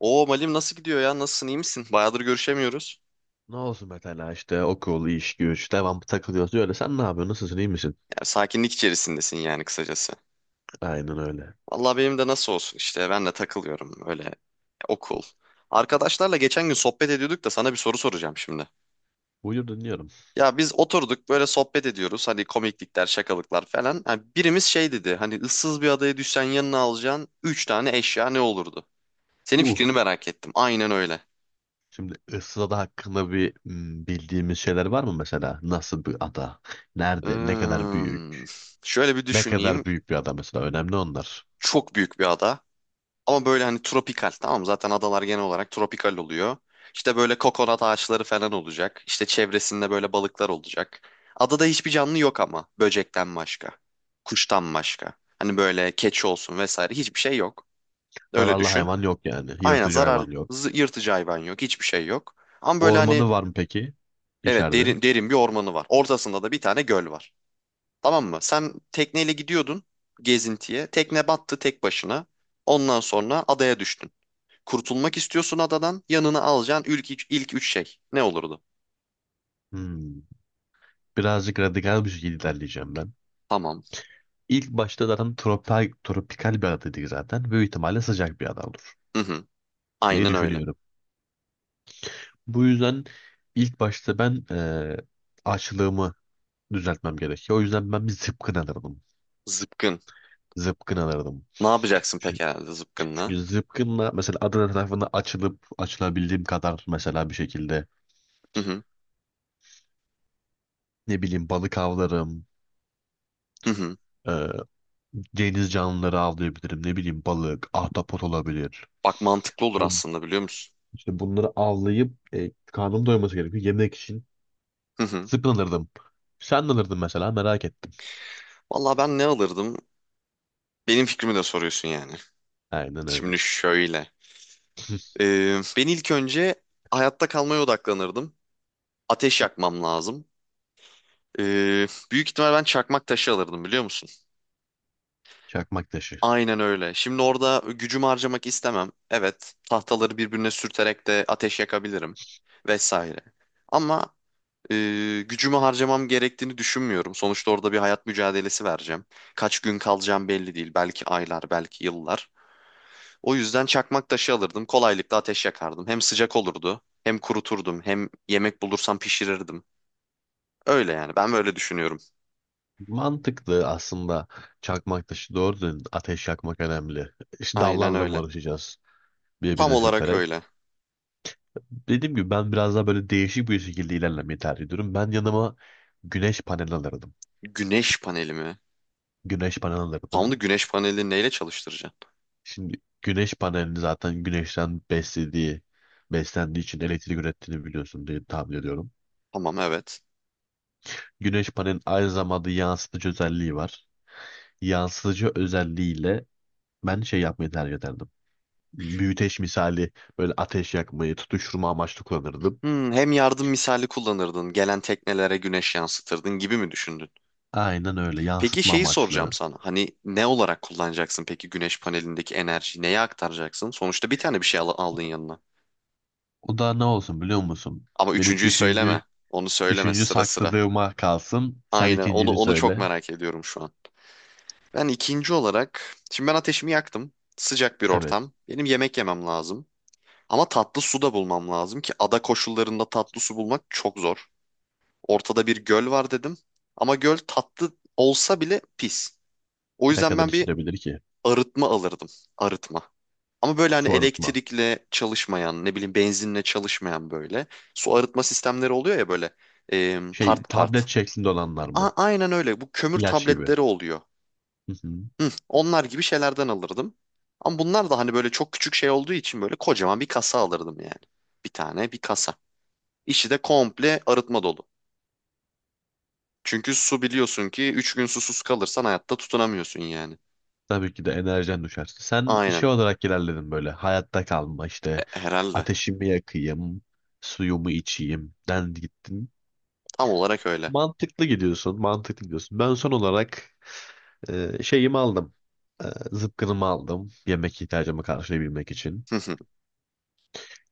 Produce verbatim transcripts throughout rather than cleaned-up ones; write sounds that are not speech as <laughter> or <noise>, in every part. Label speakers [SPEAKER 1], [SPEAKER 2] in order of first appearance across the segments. [SPEAKER 1] Oo Malim nasıl gidiyor ya? Nasılsın? İyi misin? Bayağıdır görüşemiyoruz.
[SPEAKER 2] Ne olsun mesela işte okul, iş, güç, devam takılıyorsun öyle. Sen ne yapıyorsun? Nasılsın? İyi misin?
[SPEAKER 1] Ya, sakinlik içerisindesin yani kısacası.
[SPEAKER 2] Aynen öyle.
[SPEAKER 1] Vallahi benim de nasıl olsun işte ben de takılıyorum öyle okul. Arkadaşlarla geçen gün sohbet ediyorduk da sana bir soru soracağım şimdi.
[SPEAKER 2] Buyur dinliyorum.
[SPEAKER 1] Ya biz oturduk böyle sohbet ediyoruz hani komiklikler şakalıklar falan. Ha, birimiz şey dedi hani ıssız bir adaya düşsen yanına alacağın üç tane eşya ne olurdu? Senin
[SPEAKER 2] Uh.
[SPEAKER 1] fikrini merak ettim aynen öyle.
[SPEAKER 2] Şimdi Isırada hakkında bir hmm, bildiğimiz şeyler var mı mesela? Nasıl bir ada? Nerede? Ne kadar
[SPEAKER 1] Hmm,
[SPEAKER 2] büyük?
[SPEAKER 1] şöyle bir
[SPEAKER 2] Ne
[SPEAKER 1] düşüneyim.
[SPEAKER 2] kadar büyük bir ada mesela? Önemli onlar.
[SPEAKER 1] Çok büyük bir ada. Ama böyle hani tropikal, tamam mı? Zaten adalar genel olarak tropikal oluyor. İşte böyle kokonat ağaçları falan olacak. İşte çevresinde böyle balıklar olacak. Adada hiçbir canlı yok ama, böcekten başka. Kuştan başka. Hani böyle keçi olsun vesaire hiçbir şey yok. Öyle
[SPEAKER 2] Zararlı
[SPEAKER 1] düşün.
[SPEAKER 2] hayvan yok yani.
[SPEAKER 1] Aynen
[SPEAKER 2] Yırtıcı
[SPEAKER 1] zarar
[SPEAKER 2] hayvan yok.
[SPEAKER 1] zı- yırtıcı hayvan yok. Hiçbir şey yok. Ama böyle hani
[SPEAKER 2] Ormanı var mı peki?
[SPEAKER 1] evet,
[SPEAKER 2] içeride
[SPEAKER 1] derin, derin bir ormanı var. Ortasında da bir tane göl var. Tamam mı? Sen tekneyle gidiyordun gezintiye. Tekne battı tek başına. Ondan sonra adaya düştün. Kurtulmak istiyorsun adadan. Yanına alacağın ilk, üç- ilk üç şey. Ne olurdu?
[SPEAKER 2] Hmm. Birazcık radikal bir şekilde ilerleyeceğim ben.
[SPEAKER 1] Tamam.
[SPEAKER 2] İlk başta zaten tropikal, tropikal bir ada dedik zaten. Büyük ihtimalle sıcak bir ada olur
[SPEAKER 1] Hı hı.
[SPEAKER 2] diye
[SPEAKER 1] Aynen öyle.
[SPEAKER 2] düşünüyorum. Bu yüzden ilk başta ben eee açlığımı düzeltmem gerekiyor. O yüzden ben bir zıpkın alırdım.
[SPEAKER 1] Zıpkın.
[SPEAKER 2] Zıpkın alırdım.
[SPEAKER 1] Ne yapacaksın
[SPEAKER 2] Çü-
[SPEAKER 1] peki herhalde zıpkınla?
[SPEAKER 2] Çünkü zıpkınla mesela Adana tarafında açılıp açılabildiğim kadar mesela bir şekilde
[SPEAKER 1] Hı hı.
[SPEAKER 2] ne bileyim balık avlarım.
[SPEAKER 1] Hı hı.
[SPEAKER 2] eee, Deniz canlıları avlayabilirim. Ne bileyim balık, ahtapot olabilir.
[SPEAKER 1] Bak mantıklı olur
[SPEAKER 2] Bun,
[SPEAKER 1] aslında, biliyor musun?
[SPEAKER 2] işte bunları avlayıp e, karnım doyması gerekiyor. Yemek için
[SPEAKER 1] Hı hı.
[SPEAKER 2] zıpkın alırdım. Sen ne alırdın mesela, merak ettim.
[SPEAKER 1] Valla ben ne alırdım? Benim fikrimi de soruyorsun yani.
[SPEAKER 2] Aynen
[SPEAKER 1] Şimdi
[SPEAKER 2] öyle.
[SPEAKER 1] şöyle.
[SPEAKER 2] <laughs>
[SPEAKER 1] Ee, ben ilk önce hayatta kalmaya odaklanırdım. Ateş yakmam lazım. Ee, büyük ihtimal ben çakmak taşı alırdım, biliyor musun?
[SPEAKER 2] Çakmak taşı.
[SPEAKER 1] Aynen öyle. Şimdi orada gücümü harcamak istemem. Evet, tahtaları birbirine sürterek de ateş yakabilirim vesaire. Ama e, gücümü harcamam gerektiğini düşünmüyorum. Sonuçta orada bir hayat mücadelesi vereceğim. Kaç gün kalacağım belli değil. Belki aylar, belki yıllar. O yüzden çakmak taşı alırdım. Kolaylıkla ateş yakardım. Hem sıcak olurdu, hem kuruturdum, hem yemek bulursam pişirirdim. Öyle yani. Ben böyle düşünüyorum.
[SPEAKER 2] Mantıklı aslında çakmak taşı, doğru, ateş yakmak önemli. İşte
[SPEAKER 1] Aynen
[SPEAKER 2] dallarla mı
[SPEAKER 1] öyle.
[SPEAKER 2] uğraşacağız
[SPEAKER 1] Tam
[SPEAKER 2] birbirine
[SPEAKER 1] olarak
[SPEAKER 2] sürterek?
[SPEAKER 1] öyle.
[SPEAKER 2] Dediğim gibi ben biraz daha böyle değişik bir şekilde ilerlemeyi tercih ediyorum. Ben yanıma güneş paneli alırdım.
[SPEAKER 1] Güneş paneli mi?
[SPEAKER 2] Güneş paneli
[SPEAKER 1] Tam da
[SPEAKER 2] alırdım.
[SPEAKER 1] güneş panelini neyle çalıştıracağım?
[SPEAKER 2] Şimdi güneş panelini zaten güneşten beslediği, beslendiği için elektrik ürettiğini biliyorsun diye tahmin ediyorum.
[SPEAKER 1] Tamam, evet.
[SPEAKER 2] Güneş panelinin aynı zamanda yansıtıcı özelliği var. Yansıtıcı özelliğiyle ben şey yapmayı tercih ederdim. Büyüteç misali böyle ateş yakmayı, tutuşturma amaçlı kullanırdım.
[SPEAKER 1] Hmm, hem yardım misali kullanırdın, gelen teknelere güneş yansıtırdın gibi mi düşündün?
[SPEAKER 2] Aynen öyle,
[SPEAKER 1] Peki
[SPEAKER 2] yansıtma
[SPEAKER 1] şeyi soracağım
[SPEAKER 2] amaçlı.
[SPEAKER 1] sana. Hani ne olarak kullanacaksın peki güneş panelindeki enerjiyi, neye aktaracaksın? Sonuçta bir tane bir şey al- aldın yanına.
[SPEAKER 2] O da ne olsun biliyor musun?
[SPEAKER 1] Ama
[SPEAKER 2] Benim
[SPEAKER 1] üçüncüyü söyleme.
[SPEAKER 2] üçüncü,
[SPEAKER 1] Onu söyleme
[SPEAKER 2] üçüncü
[SPEAKER 1] sıra sıra.
[SPEAKER 2] sakladığıma kalsın. Sen
[SPEAKER 1] Aynen, onu
[SPEAKER 2] ikincini
[SPEAKER 1] onu çok
[SPEAKER 2] söyle.
[SPEAKER 1] merak ediyorum şu an. Ben ikinci olarak, şimdi ben ateşimi yaktım. Sıcak bir
[SPEAKER 2] Evet.
[SPEAKER 1] ortam. Benim yemek yemem lazım. Ama tatlı su da bulmam lazım ki ada koşullarında tatlı su bulmak çok zor. Ortada bir göl var dedim. Ama göl tatlı olsa bile pis. O
[SPEAKER 2] Ne
[SPEAKER 1] yüzden
[SPEAKER 2] kadar
[SPEAKER 1] ben bir
[SPEAKER 2] içilebilir ki?
[SPEAKER 1] arıtma alırdım. Arıtma. Ama böyle hani
[SPEAKER 2] Su arıtma.
[SPEAKER 1] elektrikle çalışmayan, ne bileyim benzinle çalışmayan böyle. Su arıtma sistemleri oluyor ya böyle e,
[SPEAKER 2] Şey,
[SPEAKER 1] part part.
[SPEAKER 2] tablet şeklinde olanlar
[SPEAKER 1] A-
[SPEAKER 2] mı?
[SPEAKER 1] aynen öyle. Bu kömür
[SPEAKER 2] İlaç gibi.
[SPEAKER 1] tabletleri oluyor.
[SPEAKER 2] Hı hı.
[SPEAKER 1] Hı, onlar gibi şeylerden alırdım. Ama bunlar da hani böyle çok küçük şey olduğu için böyle kocaman bir kasa alırdım yani. Bir tane bir kasa. İçi de komple arıtma dolu. Çünkü su biliyorsun ki üç gün susuz kalırsan hayatta tutunamıyorsun yani.
[SPEAKER 2] Tabii ki de, enerjen düşerse. Sen şey
[SPEAKER 1] Aynen.
[SPEAKER 2] olarak ilerledin böyle, hayatta kalma
[SPEAKER 1] E,
[SPEAKER 2] işte.
[SPEAKER 1] herhalde.
[SPEAKER 2] Ateşimi yakayım. Suyumu içeyim. Den gittin.
[SPEAKER 1] Tam olarak öyle.
[SPEAKER 2] Mantıklı gidiyorsun, mantıklı gidiyorsun. Ben son olarak e, şeyimi aldım. E, Zıpkınımı aldım. Yemek ihtiyacımı karşılayabilmek için.
[SPEAKER 1] Hı hı.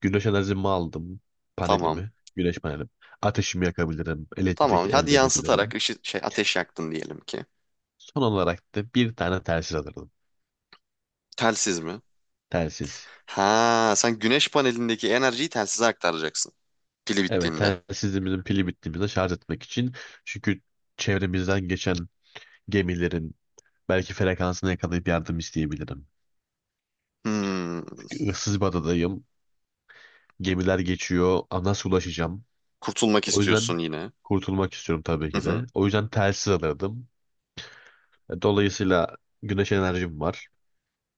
[SPEAKER 2] Güneş enerjimi aldım.
[SPEAKER 1] Tamam.
[SPEAKER 2] Panelimi, güneş panelim. Ateşimi yakabilirim. Elektrik
[SPEAKER 1] Tamam. Hadi
[SPEAKER 2] elde
[SPEAKER 1] yansıtarak
[SPEAKER 2] edebilirim.
[SPEAKER 1] ışı, şey ateş yaktın diyelim ki.
[SPEAKER 2] Son olarak da bir tane telsiz alırdım.
[SPEAKER 1] Telsiz mi?
[SPEAKER 2] Telsiz.
[SPEAKER 1] Ha, sen güneş panelindeki enerjiyi telsize aktaracaksın. Pili
[SPEAKER 2] Evet,
[SPEAKER 1] bittiğinde.
[SPEAKER 2] telsizimizin pili bittiğimizde şarj etmek için. Çünkü çevremizden geçen gemilerin belki frekansını yakalayıp yardım isteyebilirim.
[SPEAKER 1] Hmm.
[SPEAKER 2] Issız bir adadayım. Gemiler geçiyor. Nasıl ulaşacağım?
[SPEAKER 1] Kurtulmak
[SPEAKER 2] O yüzden
[SPEAKER 1] istiyorsun yine.
[SPEAKER 2] kurtulmak istiyorum tabii
[SPEAKER 1] Hı
[SPEAKER 2] ki
[SPEAKER 1] hı.
[SPEAKER 2] de. O yüzden telsiz alırdım. E, Dolayısıyla güneş enerjim var.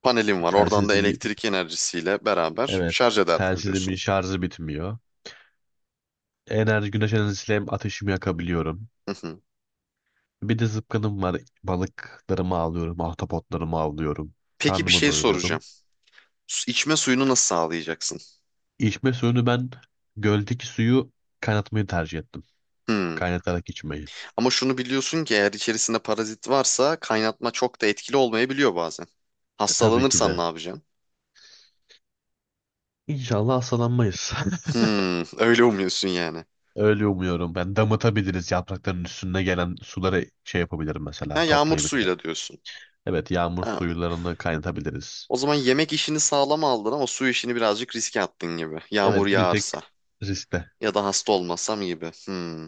[SPEAKER 1] Panelim var. Oradan da
[SPEAKER 2] Telsizim,
[SPEAKER 1] elektrik enerjisiyle beraber
[SPEAKER 2] evet,
[SPEAKER 1] şarj ederdim
[SPEAKER 2] telsizimin
[SPEAKER 1] diyorsun.
[SPEAKER 2] şarjı bitmiyor. Enerji, güneş enerjisiyle hem ateşimi yakabiliyorum.
[SPEAKER 1] Hı hı.
[SPEAKER 2] Bir de zıpkınım var. Balıklarımı avlıyorum, ahtapotlarımı avlıyorum.
[SPEAKER 1] Peki bir
[SPEAKER 2] Karnımı
[SPEAKER 1] şey
[SPEAKER 2] doyuruyorum.
[SPEAKER 1] soracağım. Su- İçme suyunu nasıl sağlayacaksın?
[SPEAKER 2] İçme suyunu ben göldeki suyu kaynatmayı tercih ettim.
[SPEAKER 1] Hmm.
[SPEAKER 2] Kaynatarak içmeyi.
[SPEAKER 1] Ama şunu biliyorsun ki eğer içerisinde parazit varsa kaynatma çok da etkili olmayabiliyor bazen.
[SPEAKER 2] E, tabii ki
[SPEAKER 1] Hastalanırsan
[SPEAKER 2] de.
[SPEAKER 1] ne yapacaksın?
[SPEAKER 2] İnşallah hastalanmayız. <laughs>
[SPEAKER 1] Hmm, <laughs> öyle umuyorsun yani.
[SPEAKER 2] Öyle umuyorum. Ben damıtabiliriz. Yaprakların üstüne gelen suları şey yapabilirim mesela.
[SPEAKER 1] Ha, yağmur
[SPEAKER 2] Toplayabilirim.
[SPEAKER 1] suyuyla diyorsun.
[SPEAKER 2] Evet, yağmur
[SPEAKER 1] Ha,
[SPEAKER 2] suyularını kaynatabiliriz.
[SPEAKER 1] o zaman yemek işini sağlam aldın ama su işini birazcık riske attın gibi.
[SPEAKER 2] Evet,
[SPEAKER 1] Yağmur
[SPEAKER 2] bir tek
[SPEAKER 1] yağarsa
[SPEAKER 2] riskte.
[SPEAKER 1] ya da hasta olmasam gibi. Hmm.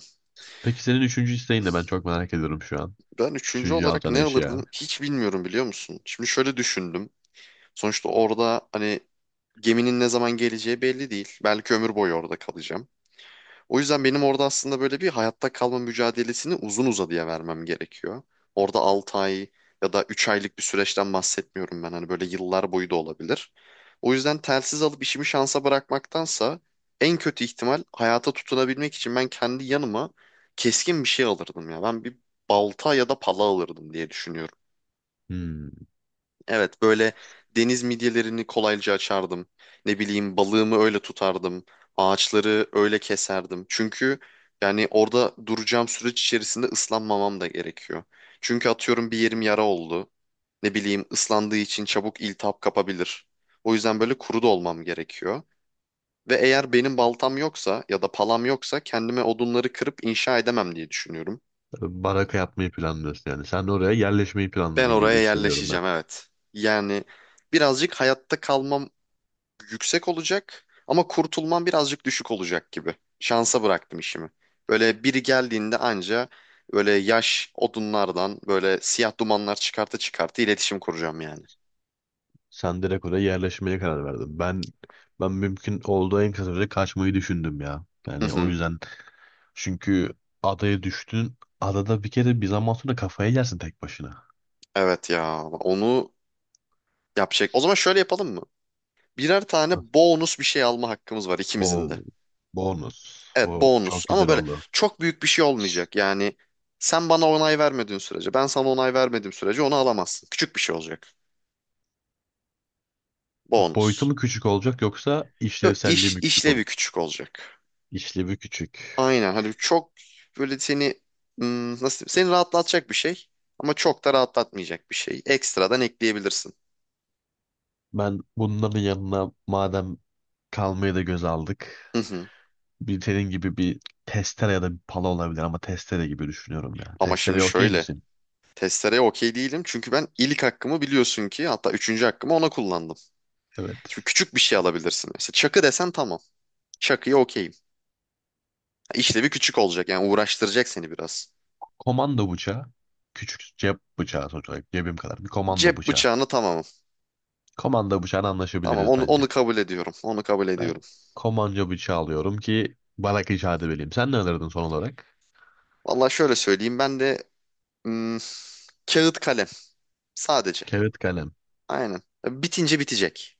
[SPEAKER 2] Peki senin üçüncü isteğin ne? Ben çok merak ediyorum şu an.
[SPEAKER 1] Ben üçüncü
[SPEAKER 2] Üçüncü
[SPEAKER 1] olarak
[SPEAKER 2] alacağın
[SPEAKER 1] ne alırdım,
[SPEAKER 2] eşya.
[SPEAKER 1] hiç bilmiyorum, biliyor musun? Şimdi şöyle düşündüm. Sonuçta orada hani geminin ne zaman geleceği belli değil. Belki ömür boyu orada kalacağım. O yüzden benim orada aslında böyle bir hayatta kalma mücadelesini uzun uzadıya vermem gerekiyor. Orada altı ay ya da üç aylık bir süreçten bahsetmiyorum ben. Hani böyle yıllar boyu da olabilir. O yüzden telsiz alıp işimi şansa bırakmaktansa en kötü ihtimal hayata tutunabilmek için ben kendi yanıma keskin bir şey alırdım ya. Ben bir balta ya da pala alırdım diye düşünüyorum.
[SPEAKER 2] Hmm.
[SPEAKER 1] Evet, böyle deniz midyelerini kolayca açardım. Ne bileyim balığımı öyle tutardım. Ağaçları öyle keserdim. Çünkü yani orada duracağım süreç içerisinde ıslanmamam da gerekiyor. Çünkü atıyorum bir yerim yara oldu. Ne bileyim ıslandığı için çabuk iltihap kapabilir. O yüzden böyle kuru da olmam gerekiyor. Ve eğer benim baltam yoksa ya da palam yoksa kendime odunları kırıp inşa edemem diye düşünüyorum.
[SPEAKER 2] Baraka yapmayı planlıyorsun yani. Sen oraya yerleşmeyi
[SPEAKER 1] Ben
[SPEAKER 2] planladın gibi
[SPEAKER 1] oraya
[SPEAKER 2] hissediyorum ben.
[SPEAKER 1] yerleşeceğim, evet. Yani birazcık hayatta kalmam yüksek olacak ama kurtulman birazcık düşük olacak gibi. Şansa bıraktım işimi. Böyle biri geldiğinde anca böyle yaş odunlardan böyle siyah dumanlar çıkartı çıkartı iletişim kuracağım yani.
[SPEAKER 2] Sen direkt oraya yerleşmeye karar verdin. Ben ben mümkün olduğu en kısa sürede kaçmayı düşündüm ya.
[SPEAKER 1] Hı
[SPEAKER 2] Yani o
[SPEAKER 1] hı.
[SPEAKER 2] yüzden. Çünkü adaya düştün. Adada bir kere bir zaman sonra kafayı yersin tek başına.
[SPEAKER 1] Evet ya, onu yapacak. O zaman şöyle yapalım mı? Birer tane bonus bir şey alma hakkımız var ikimizin
[SPEAKER 2] O
[SPEAKER 1] de.
[SPEAKER 2] bonus.
[SPEAKER 1] Evet
[SPEAKER 2] O
[SPEAKER 1] bonus,
[SPEAKER 2] çok
[SPEAKER 1] ama
[SPEAKER 2] güzel
[SPEAKER 1] böyle
[SPEAKER 2] oldu.
[SPEAKER 1] çok büyük bir şey olmayacak. Yani sen bana onay vermediğin sürece, ben sana onay vermediğim sürece onu alamazsın. Küçük bir şey olacak.
[SPEAKER 2] Boyutu
[SPEAKER 1] Bonus.
[SPEAKER 2] mu küçük olacak yoksa
[SPEAKER 1] Yok,
[SPEAKER 2] işlevselliği
[SPEAKER 1] iş
[SPEAKER 2] mi küçük olur?
[SPEAKER 1] işlevi küçük olacak.
[SPEAKER 2] İşlevi küçük.
[SPEAKER 1] Aynen. Hani çok böyle seni, hmm, nasıl diyeyim? Seni rahatlatacak bir şey ama çok da rahatlatmayacak bir şey. Ekstradan ekleyebilirsin.
[SPEAKER 2] Ben bunların yanına madem kalmayı da göz aldık.
[SPEAKER 1] Hı hı.
[SPEAKER 2] Bir senin gibi bir testere ya da bir pala olabilir, ama testere gibi düşünüyorum ya.
[SPEAKER 1] Ama şimdi
[SPEAKER 2] Testereye okey
[SPEAKER 1] şöyle.
[SPEAKER 2] misin?
[SPEAKER 1] Testereye okey değilim. Çünkü ben ilk hakkımı, biliyorsun ki hatta üçüncü hakkımı ona kullandım. Şimdi
[SPEAKER 2] Evet.
[SPEAKER 1] küçük bir şey alabilirsin. Mesela çakı desen tamam. Çakıya okeyim. İşlevi küçük olacak yani uğraştıracak seni biraz.
[SPEAKER 2] Komando bıçağı. Küçük cep bıçağı, sonuç olarak cebim kadar. Bir komando
[SPEAKER 1] Cep
[SPEAKER 2] bıçağı.
[SPEAKER 1] bıçağını tamamım.
[SPEAKER 2] Komando bıçağına
[SPEAKER 1] Tamam,
[SPEAKER 2] anlaşabiliriz
[SPEAKER 1] onu,
[SPEAKER 2] bence.
[SPEAKER 1] onu kabul ediyorum. Onu kabul
[SPEAKER 2] Ben
[SPEAKER 1] ediyorum.
[SPEAKER 2] komanca bıçağı alıyorum ki barak işareti vereyim. Sen ne alırdın son olarak?
[SPEAKER 1] Vallahi şöyle söyleyeyim, ben de hmm, kağıt kalem sadece.
[SPEAKER 2] Kağıt kalem.
[SPEAKER 1] Aynen. Bitince bitecek.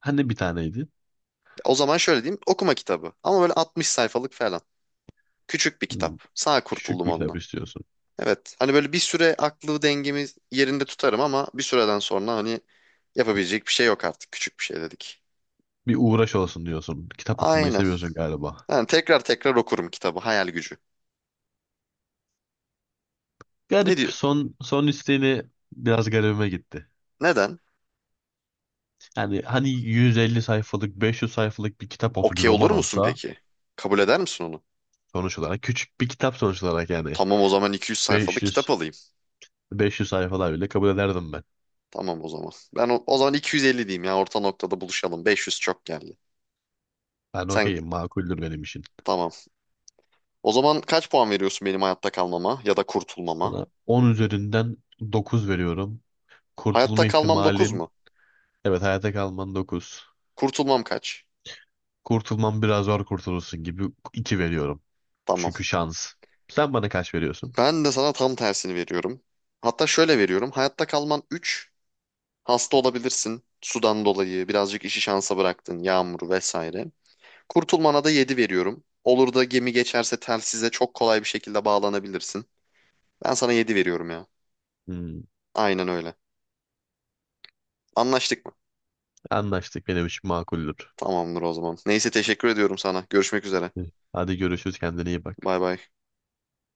[SPEAKER 2] Hani bir taneydi?
[SPEAKER 1] O zaman şöyle diyeyim. Okuma kitabı. Ama böyle altmış sayfalık falan. Küçük bir
[SPEAKER 2] Hmm,
[SPEAKER 1] kitap. Sağ
[SPEAKER 2] Küçük
[SPEAKER 1] kurtuldum
[SPEAKER 2] bir kitap
[SPEAKER 1] onunla.
[SPEAKER 2] istiyorsun.
[SPEAKER 1] Evet. Hani böyle bir süre aklı dengemi yerinde tutarım ama bir süreden sonra hani yapabilecek bir şey yok artık. Küçük bir şey dedik.
[SPEAKER 2] Bir uğraş olsun diyorsun. Kitap okumayı
[SPEAKER 1] Aynen.
[SPEAKER 2] seviyorsun galiba.
[SPEAKER 1] Yani tekrar tekrar okurum kitabı. Hayal gücü. Ne
[SPEAKER 2] Garip.
[SPEAKER 1] diyor?
[SPEAKER 2] Son son isteğini biraz garibime gitti.
[SPEAKER 1] Neden?
[SPEAKER 2] Yani hani yüz elli sayfalık, beş yüz sayfalık bir kitap olsa, bir
[SPEAKER 1] Okey olur
[SPEAKER 2] roman
[SPEAKER 1] musun
[SPEAKER 2] olsa,
[SPEAKER 1] peki? Kabul eder misin onu?
[SPEAKER 2] sonuç olarak küçük bir kitap sonuç olarak yani
[SPEAKER 1] Tamam, o zaman iki yüz sayfalık
[SPEAKER 2] 500
[SPEAKER 1] kitap alayım.
[SPEAKER 2] 500 sayfalar bile kabul ederdim ben.
[SPEAKER 1] Tamam o zaman. Ben o, o zaman iki yüz elli diyeyim ya, orta noktada buluşalım. beş yüz çok geldi.
[SPEAKER 2] Ben
[SPEAKER 1] Sen
[SPEAKER 2] okeyim, makuldür benim için.
[SPEAKER 1] tamam. O zaman kaç puan veriyorsun benim hayatta kalmama ya da kurtulmama?
[SPEAKER 2] Sana on üzerinden dokuz veriyorum. Kurtulma
[SPEAKER 1] Hayatta kalmam dokuz
[SPEAKER 2] ihtimalin,
[SPEAKER 1] mu?
[SPEAKER 2] evet, hayatta kalman dokuz.
[SPEAKER 1] Kurtulmam kaç?
[SPEAKER 2] Kurtulman biraz zor, kurtulursun gibi, iki veriyorum.
[SPEAKER 1] Tamam.
[SPEAKER 2] Çünkü şans. Sen bana kaç veriyorsun?
[SPEAKER 1] Ben de sana tam tersini veriyorum. Hatta şöyle veriyorum. Hayatta kalman üç. Hasta olabilirsin. Sudan dolayı birazcık işi şansa bıraktın. Yağmur vesaire. Kurtulmana da yedi veriyorum. Olur da gemi geçerse telsize çok kolay bir şekilde bağlanabilirsin. Ben sana yedi veriyorum ya.
[SPEAKER 2] Hmm,
[SPEAKER 1] Aynen öyle. Anlaştık mı?
[SPEAKER 2] Anlaştık, benim için makuldür.
[SPEAKER 1] Tamamdır o zaman. Neyse, teşekkür ediyorum sana. Görüşmek üzere.
[SPEAKER 2] Hadi görüşürüz, kendine iyi bak.
[SPEAKER 1] Bay bay.